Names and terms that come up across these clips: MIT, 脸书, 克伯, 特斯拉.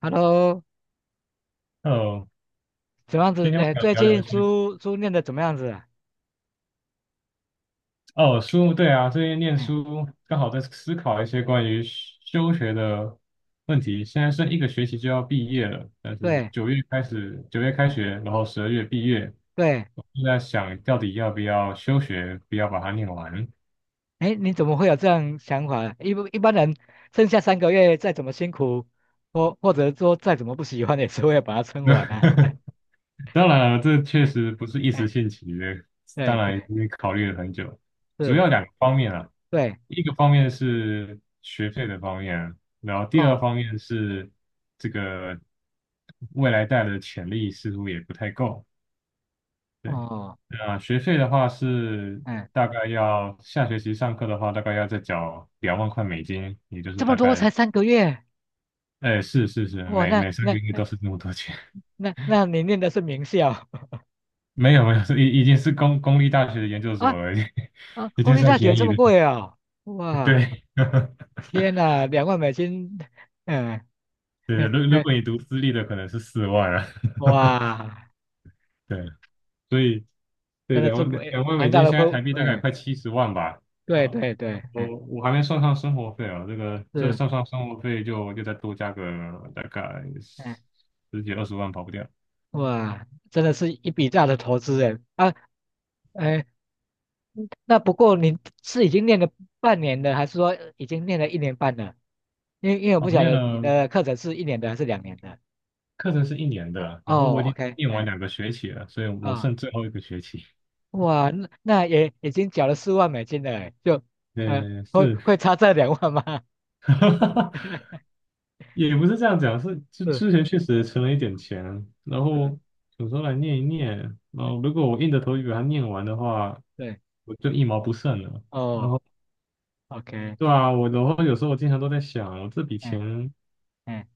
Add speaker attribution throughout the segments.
Speaker 1: Hello，
Speaker 2: 哦，
Speaker 1: 怎么样
Speaker 2: 今
Speaker 1: 子？
Speaker 2: 天我
Speaker 1: 哎，
Speaker 2: 想
Speaker 1: 最
Speaker 2: 聊聊一
Speaker 1: 近
Speaker 2: 些
Speaker 1: 书念的怎么样子啊？
Speaker 2: 哦书，对啊，最近念
Speaker 1: 哎，
Speaker 2: 书刚好在思考一些关于休学的问题。现在剩一个学期就要毕业了，但是
Speaker 1: 对。
Speaker 2: 九月开始，九月开
Speaker 1: 哎，
Speaker 2: 学，然后十二月毕业，
Speaker 1: 对。
Speaker 2: 我就在想到底要不要休学，不要把它念完。
Speaker 1: 哎，你怎么会有这样想法啊？一般人剩下三个月，再怎么辛苦，或者说再怎么不喜欢，也是会把它撑完啊。
Speaker 2: 当然了，这确
Speaker 1: 哎。
Speaker 2: 实不是一时
Speaker 1: 哎。
Speaker 2: 兴起的，当
Speaker 1: 对对，
Speaker 2: 然因为考虑了很久，主
Speaker 1: 是。
Speaker 2: 要两个方面啊，
Speaker 1: 对。
Speaker 2: 一个方面是学费的方面啊，然后第二
Speaker 1: 哦
Speaker 2: 方面是这个未来带的潜力似乎也不太够，对，
Speaker 1: 哦。
Speaker 2: 那学费的话是
Speaker 1: 嗯。
Speaker 2: 大概要下学期上课的话，大概要再缴两万块美金，也就是
Speaker 1: 这么
Speaker 2: 大
Speaker 1: 多
Speaker 2: 概，
Speaker 1: 才三个月？
Speaker 2: 哎，是是是，
Speaker 1: 哇，
Speaker 2: 每
Speaker 1: 那
Speaker 2: 每三个
Speaker 1: 那
Speaker 2: 月都是这么多钱，
Speaker 1: 那那你念的是名校？
Speaker 2: 没有没有，是已经是公立大学的研究 所
Speaker 1: 啊。
Speaker 2: 了，已经
Speaker 1: 啊，
Speaker 2: 已
Speaker 1: 公
Speaker 2: 经
Speaker 1: 立
Speaker 2: 算
Speaker 1: 大学
Speaker 2: 便
Speaker 1: 这
Speaker 2: 宜
Speaker 1: 么
Speaker 2: 的。
Speaker 1: 贵哦？哇，
Speaker 2: 对，
Speaker 1: 天呐，两万美金。嗯
Speaker 2: 对对，
Speaker 1: 嗯
Speaker 2: 如如
Speaker 1: 嗯。
Speaker 2: 果你读私立的，可能是四万啊。
Speaker 1: 哇，
Speaker 2: 对，所以对
Speaker 1: 真的
Speaker 2: 两
Speaker 1: 是
Speaker 2: 万
Speaker 1: 不
Speaker 2: 两
Speaker 1: 哎
Speaker 2: 两万美
Speaker 1: 庞大
Speaker 2: 金，
Speaker 1: 的
Speaker 2: 现在
Speaker 1: 投，
Speaker 2: 台币大概
Speaker 1: 哎。
Speaker 2: 快七十万吧。
Speaker 1: 对
Speaker 2: 啊，
Speaker 1: 对对。哎，
Speaker 2: 我还没算上生活费啊，这个这
Speaker 1: 是。
Speaker 2: 算上生活费就再多加个大概
Speaker 1: 哎。
Speaker 2: 十几二十万跑不掉。
Speaker 1: 哇，真的是一笔大的投资哎。啊。哎，那不过你是已经练了半年的，还是说已经练了1年半了？因为我
Speaker 2: 哦，
Speaker 1: 不晓
Speaker 2: 念
Speaker 1: 得你
Speaker 2: 了
Speaker 1: 的课程是一年的还是2年的。
Speaker 2: 课程是一年的，然后我
Speaker 1: 哦
Speaker 2: 已经
Speaker 1: ，OK。
Speaker 2: 念完
Speaker 1: 哎。
Speaker 2: 两个学期了，所以我
Speaker 1: 啊、
Speaker 2: 剩最后一个学期。
Speaker 1: 哇，那也已经缴了4万美金了哎。就呃
Speaker 2: 对，
Speaker 1: 会
Speaker 2: 是
Speaker 1: 会差这两万吗？
Speaker 2: 也不是这样讲，是之
Speaker 1: 是
Speaker 2: 之前确实存了一点钱，然
Speaker 1: 是。
Speaker 2: 后有时候来念一念，然后如果我硬着头皮把它念完的话，
Speaker 1: 对。
Speaker 2: 我就一毛不剩了。然
Speaker 1: 哦
Speaker 2: 后
Speaker 1: ，OK。
Speaker 2: 对啊，我然后有时候我经常都在想，我这笔
Speaker 1: 哎。
Speaker 2: 钱
Speaker 1: 哎。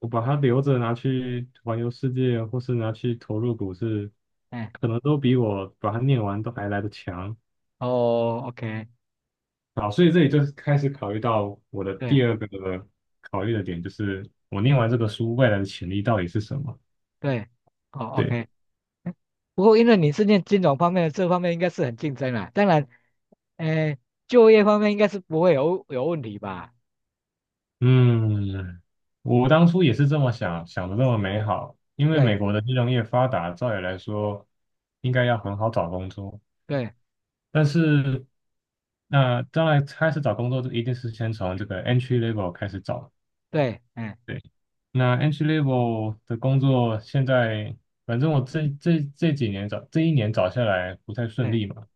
Speaker 2: 我把它留着拿去环游世界，或是拿去投入股市，
Speaker 1: 哎。
Speaker 2: 可能都比我把它念完都还来得强。
Speaker 1: 哦，OK。
Speaker 2: 好，所以这里就是开始考虑到我的
Speaker 1: 对
Speaker 2: 第二个考虑的点，就是我念完这个书未来的潜力到底是什么。
Speaker 1: 对。哦
Speaker 2: 对。
Speaker 1: ，OK。嗯，不过因为你是念金融方面的，这方面应该是很竞争啦。当然，诶，就业方面应该是不会有问题吧？
Speaker 2: 嗯，我当初也是这么想，想的这么美好，因为美国
Speaker 1: 对
Speaker 2: 的金融业发达，照理来说应该要很好找工作，
Speaker 1: 对
Speaker 2: 但是那当然开始找工作，就一定是先从这个 entry level 开始找，
Speaker 1: 对。嗯。
Speaker 2: 对，那 entry level 的工作现在，反正我这几年找这一年找下来不太顺
Speaker 1: 对。
Speaker 2: 利嘛，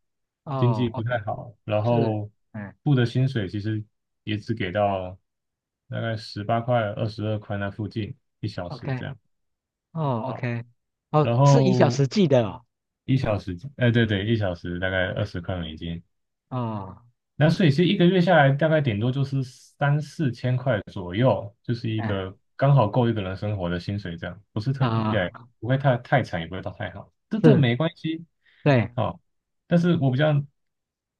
Speaker 2: 经济
Speaker 1: 哦
Speaker 2: 不
Speaker 1: ，OK。
Speaker 2: 太好，然
Speaker 1: 是。
Speaker 2: 后
Speaker 1: 嗯
Speaker 2: 付的薪水其实也只给到大概十八块、二十二块那附近一小时
Speaker 1: ，OK。
Speaker 2: 这样。
Speaker 1: 哦
Speaker 2: 好，
Speaker 1: ，OK。哦，
Speaker 2: 然
Speaker 1: 是一小
Speaker 2: 后
Speaker 1: 时计的哦？
Speaker 2: 一小时，哎，对对，一小时大概二十块美金，
Speaker 1: 哦。
Speaker 2: 那所以其实一个月下来大概顶多就是三四千块左右，就是一
Speaker 1: 嗯。
Speaker 2: 个刚好够一个人生活的薪水这样，不是特，
Speaker 1: 啊。
Speaker 2: 对，不会太惨，也不会到太好，这
Speaker 1: 是。
Speaker 2: 没关系，
Speaker 1: 对
Speaker 2: 好、但是我比较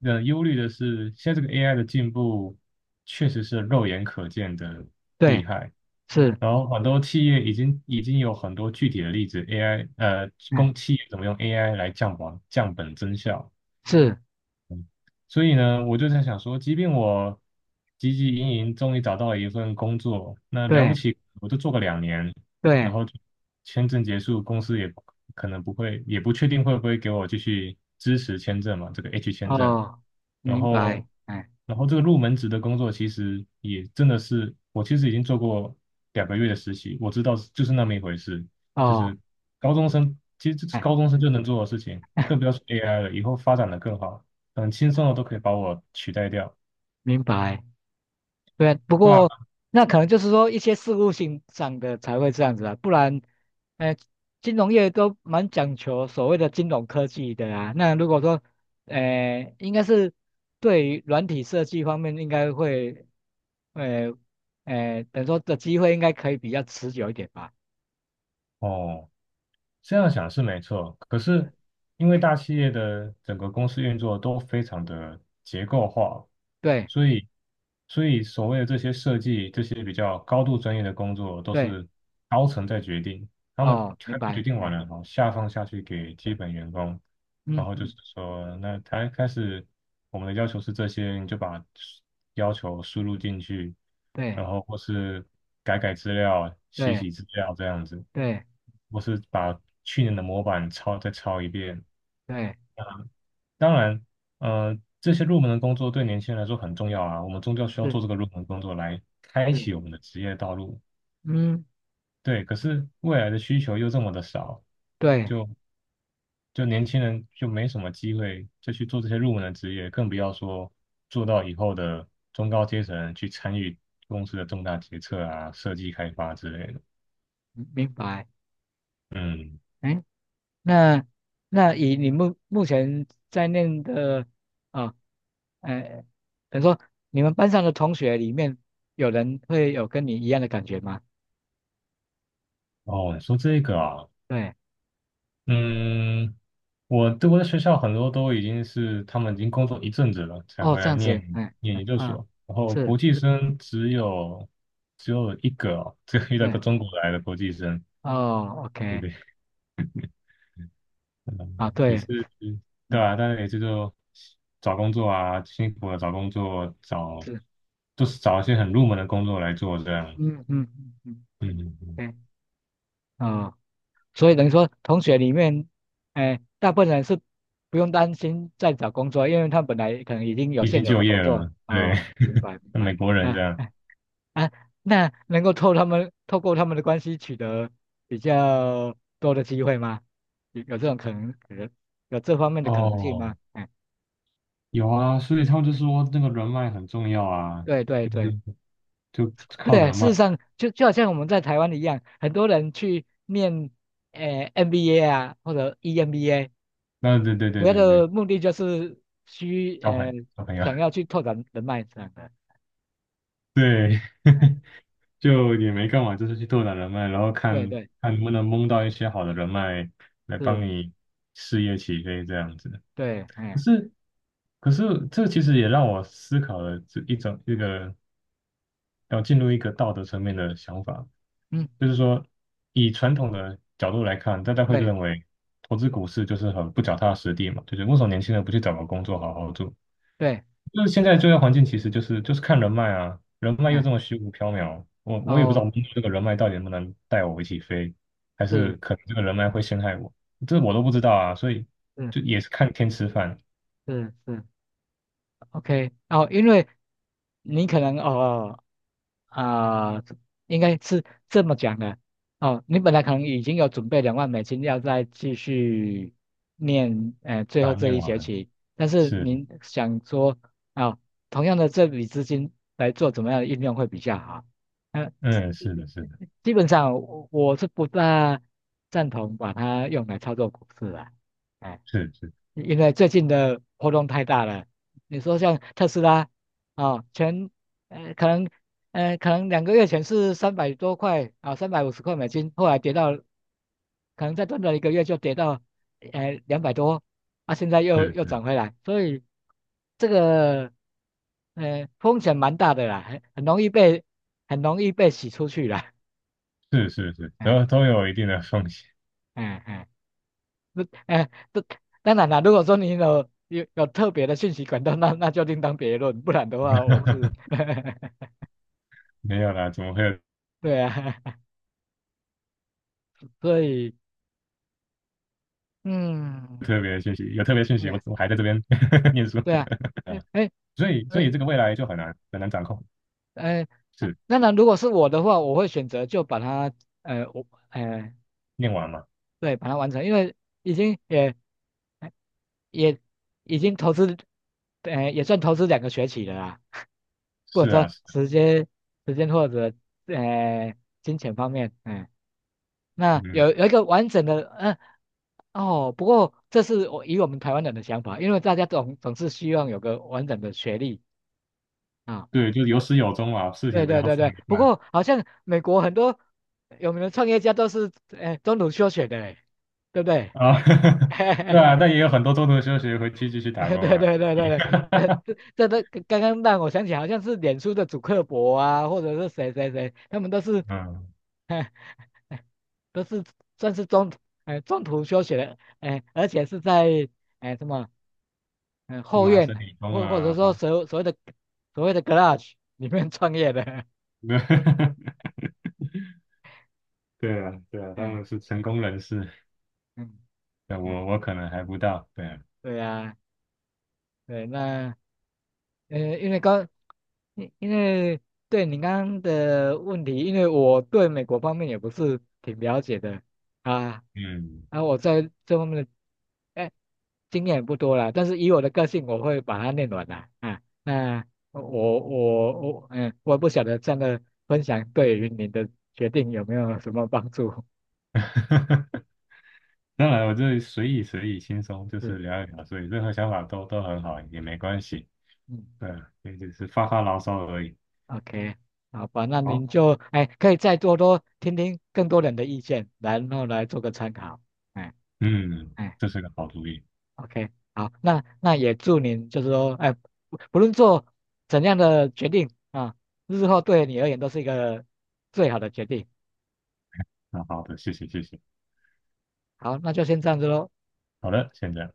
Speaker 2: 忧虑的是，现在这个 AI 的进步确实是肉眼可见的厉
Speaker 1: 对，
Speaker 2: 害，
Speaker 1: 是。
Speaker 2: 然后很多企业已经有很多具体的例子，AI 公
Speaker 1: 嗯。
Speaker 2: 企业怎么用 AI 来降本增效，
Speaker 1: 是。
Speaker 2: 所以呢，我就在想说，即便我汲汲营营，终于找到了一份工作，那了不
Speaker 1: 对
Speaker 2: 起，我就做个两年，然
Speaker 1: 对。
Speaker 2: 后签证结束，公司也可能不会，也不确定会不会给我继续支持签证嘛，这个 H 签证。
Speaker 1: 哦，
Speaker 2: 然
Speaker 1: 明
Speaker 2: 后，
Speaker 1: 白。嗯。
Speaker 2: 这个入门职的工作其实也真的是，我其实已经做过两个月的实习，我知道是就是那么一回事，就
Speaker 1: 哦。
Speaker 2: 是高中生其实这是高
Speaker 1: 哎，
Speaker 2: 中生就能做的事情，更不要说 AI 了，以后发展的更好，很轻松的都可以把我取代掉，
Speaker 1: 明白。对啊，不
Speaker 2: 对啊，
Speaker 1: 过那可能就是说一些事务性上的才会这样子啊，不然，呃，金融业都蛮讲求所谓的金融科技的啊。那如果说，应该是对于软体设计方面，应该会，呃，等于说的机会应该可以比较持久一点吧。
Speaker 2: 哦，这样想是没错，可是
Speaker 1: 是。
Speaker 2: 因为大企业的整个公司运作都非常的结构化，
Speaker 1: 对
Speaker 2: 所以所以所谓的这些设计、这些比较高度专业的工作都
Speaker 1: 对。
Speaker 2: 是高层在决定，他们
Speaker 1: 哦，明
Speaker 2: 开会决
Speaker 1: 白。
Speaker 2: 定完
Speaker 1: 哎。
Speaker 2: 了，然后下放下去给基本员工，
Speaker 1: 嗯
Speaker 2: 然后就是
Speaker 1: 嗯。
Speaker 2: 说，那他开始我们的要求是这些，你就把要求输入进去，
Speaker 1: 对
Speaker 2: 然后或是改改资料、洗
Speaker 1: 对
Speaker 2: 洗资料这样子。
Speaker 1: 对
Speaker 2: 我是把去年的模板抄再抄一遍。
Speaker 1: 对。
Speaker 2: 当然，这些入门的工作对年轻人来说很重要啊，我们终究需要做
Speaker 1: 是
Speaker 2: 这个入门工作来开
Speaker 1: 是。
Speaker 2: 启我们的职业道路。
Speaker 1: 嗯。
Speaker 2: 对，可是未来的需求又这么的少，
Speaker 1: 对。
Speaker 2: 就就年轻人就没什么机会就去做这些入门的职业，更不要说做到以后的中高阶层去参与公司的重大决策啊、设计开发之类的。
Speaker 1: 明白。
Speaker 2: 嗯，
Speaker 1: 哎。那那以你目前在念的啊，呃，等于说你们班上的同学里面有人会有跟你一样的感觉吗？
Speaker 2: 哦，你说这个啊，
Speaker 1: 对。
Speaker 2: 嗯，我对我的学校很多都已经是他们已经工作一阵子了才
Speaker 1: 哦，
Speaker 2: 回
Speaker 1: 这
Speaker 2: 来
Speaker 1: 样子。
Speaker 2: 念
Speaker 1: 哎。
Speaker 2: 念
Speaker 1: 嗯。
Speaker 2: 研究
Speaker 1: 啊，
Speaker 2: 所，然后
Speaker 1: 是。
Speaker 2: 国际生只有一个哦，只有遇到一
Speaker 1: 对。
Speaker 2: 个中国来的国际生，
Speaker 1: 哦
Speaker 2: 对不
Speaker 1: ，OK。
Speaker 2: 对？嗯，
Speaker 1: 啊，
Speaker 2: 也
Speaker 1: 对。
Speaker 2: 是对
Speaker 1: 嗯。
Speaker 2: 啊，但是也是就找工作啊，辛苦了找工作，找
Speaker 1: 是。
Speaker 2: 就是找一些很入门的工作来做这样，
Speaker 1: 嗯嗯嗯嗯。
Speaker 2: 嗯，嗯嗯
Speaker 1: 对。哦，所以等于说同学里面，哎，大部分人是不用担心在找工作，因为他们本来可能已经有
Speaker 2: 已
Speaker 1: 现
Speaker 2: 经
Speaker 1: 有
Speaker 2: 就
Speaker 1: 的
Speaker 2: 业
Speaker 1: 工作。
Speaker 2: 了，对，
Speaker 1: 哦，明白明 白。
Speaker 2: 美国人这
Speaker 1: 嗯。
Speaker 2: 样，
Speaker 1: 嗯。啊，那能够透过他们的关系取得比较多的机会吗？有这种可能，可能有这方面的可能性
Speaker 2: 哦，
Speaker 1: 吗？哎。
Speaker 2: 有啊，所以他们就说那个人脉很重要啊，
Speaker 1: 对对
Speaker 2: 就
Speaker 1: 对。
Speaker 2: 是就靠
Speaker 1: 对啊，
Speaker 2: 人
Speaker 1: 事
Speaker 2: 脉。
Speaker 1: 实上就就好像我们在台湾一样，很多人去念呃 MBA 啊或者 EMBA,
Speaker 2: 那对对
Speaker 1: 主
Speaker 2: 对
Speaker 1: 要
Speaker 2: 对对，
Speaker 1: 的目的就是需呃
Speaker 2: 交朋友，
Speaker 1: 想要去拓展人脉这样的。
Speaker 2: 对，
Speaker 1: 哎。
Speaker 2: 就也没干嘛，就是去拓展人脉，然后
Speaker 1: 对
Speaker 2: 看
Speaker 1: 对，
Speaker 2: 看能不能蒙到一些好的人脉来帮
Speaker 1: 是。
Speaker 2: 你事业起飞这样子。
Speaker 1: 对。
Speaker 2: 可
Speaker 1: 哎。
Speaker 2: 是可是这其实也让我思考了这一种一个要进入一个道德层面的想法，
Speaker 1: 嗯。
Speaker 2: 就是说，以传统的角度来看，大家会
Speaker 1: 对
Speaker 2: 认为投资股市就是很不脚踏实地嘛，就是为什么年轻人不去找个工作好好做？
Speaker 1: 对。
Speaker 2: 就是现在就业环境其实就是看人脉啊，人脉又
Speaker 1: 哎。
Speaker 2: 这么虚无缥缈，我也不知道
Speaker 1: 哦。
Speaker 2: 这个人脉到底能不能带我一起飞，还是
Speaker 1: 是
Speaker 2: 可能这个人脉会陷害我，这我都不知道啊，所以
Speaker 1: 是。
Speaker 2: 就也是看天吃饭
Speaker 1: 是是， OK。哦，因为你可能啊、呃应该是这么讲的哦。你本来可能已经有准备两万美金要再继续念最
Speaker 2: 把
Speaker 1: 后
Speaker 2: 它
Speaker 1: 这
Speaker 2: 念
Speaker 1: 一学
Speaker 2: 完
Speaker 1: 期，但是
Speaker 2: 是，
Speaker 1: 您想说啊、哦，同样的这笔资金来做怎么样的运用会比较好？呃，
Speaker 2: 嗯，是的，是的，
Speaker 1: 基本上我是不大赞同把它用来操作股市的。哎，
Speaker 2: 是是
Speaker 1: 因为最近的波动太大了。你说像特斯拉啊，前呃可能可能2个月前是300多块啊，350块美金，后来跌到可能再短短1个月就跌到200多。啊，现在又
Speaker 2: 是
Speaker 1: 又涨回来。所以这个风险蛮大的啦。很容易被很容易被洗出去了。
Speaker 2: 是是是是，
Speaker 1: 嗯
Speaker 2: 都有一定的风险，
Speaker 1: 嗯嗯。那哎，这当然啦。如果说你有特别的信息管道，那那就另当别论。不然的话，我是，
Speaker 2: 没有啦，怎么会有？
Speaker 1: 对啊。所以，嗯。
Speaker 2: 特别的讯息，有特别讯
Speaker 1: 对
Speaker 2: 息，我
Speaker 1: 啊。
Speaker 2: 我还在这边 念书，
Speaker 1: 对啊。
Speaker 2: 啊，
Speaker 1: 哎。哎。
Speaker 2: 所以
Speaker 1: 呃
Speaker 2: 这个未来就很难很难掌控，
Speaker 1: 哎，那
Speaker 2: 是
Speaker 1: 当然，如果是我的话，我会选择就把它，呃，我，呃，
Speaker 2: 念完嘛？
Speaker 1: 对，把它完成。因为已经也也已经投资，也算投资2个学期了啦。不管
Speaker 2: 是
Speaker 1: 说
Speaker 2: 啊，是啊，
Speaker 1: 时间、时间或者呃金钱方面，哎、那
Speaker 2: 嗯，
Speaker 1: 有一个完整的，嗯、哦，不过这是我以我们台湾人的想法，因为大家总是希望有个完整的学历啊。
Speaker 2: 对，就有始有终嘛，事
Speaker 1: 对
Speaker 2: 情不
Speaker 1: 对
Speaker 2: 要
Speaker 1: 对
Speaker 2: 做
Speaker 1: 对，
Speaker 2: 一
Speaker 1: 不
Speaker 2: 半
Speaker 1: 过好像美国很多有名的创业家都是中途休学的嘞，对不对？
Speaker 2: 啊，对啊，但 也有很多中途休息回去继续打
Speaker 1: 对
Speaker 2: 工
Speaker 1: 对
Speaker 2: 啊，
Speaker 1: 对对对对，这这这都刚刚让我想起，好像是脸书的主克伯啊，或者是谁谁谁，他们都是，
Speaker 2: 嗯，
Speaker 1: 都是算是中，中途休学的。哎、而且是在，哎、什么？嗯，后
Speaker 2: 麻
Speaker 1: 院
Speaker 2: 省理工
Speaker 1: 或或者
Speaker 2: 啊，
Speaker 1: 说
Speaker 2: 啊，
Speaker 1: 所谓的 g l r a g e 里面创业的。
Speaker 2: 对 对啊，对啊，他
Speaker 1: 嗯
Speaker 2: 们是成功人士，
Speaker 1: 嗯
Speaker 2: 对
Speaker 1: 嗯。
Speaker 2: 我可能还不到，对啊，
Speaker 1: 对啊。对。那呃，因为刚，因因为对你刚刚的问题，因为我对美国方面也不是挺了解的啊。
Speaker 2: 嗯。
Speaker 1: 啊，我在这方面的哎经验也不多啦。但是以我的个性，我会把它念完的啊。那我我嗯，我不晓得这样的分享对于您的决定有没有什么帮助？
Speaker 2: 当然，我这随意随意轻松，就是
Speaker 1: 是。
Speaker 2: 聊一聊，所以任何想法都很好，也没关系。
Speaker 1: 嗯
Speaker 2: 对，也只是发发牢骚而已。
Speaker 1: ，OK。好吧，那
Speaker 2: 好，
Speaker 1: 您就哎可以再多多听听更多人的意见，然后来做个参考。哎。
Speaker 2: 嗯，
Speaker 1: 哎
Speaker 2: 这是个好主意。
Speaker 1: ，OK,好。那那也祝您就是说，哎，不不论做怎样的决定啊，日后对你而言都是一个最好的决定。
Speaker 2: 那好的，谢谢谢谢。
Speaker 1: 好，那就先这样子喽。
Speaker 2: 好的，现在。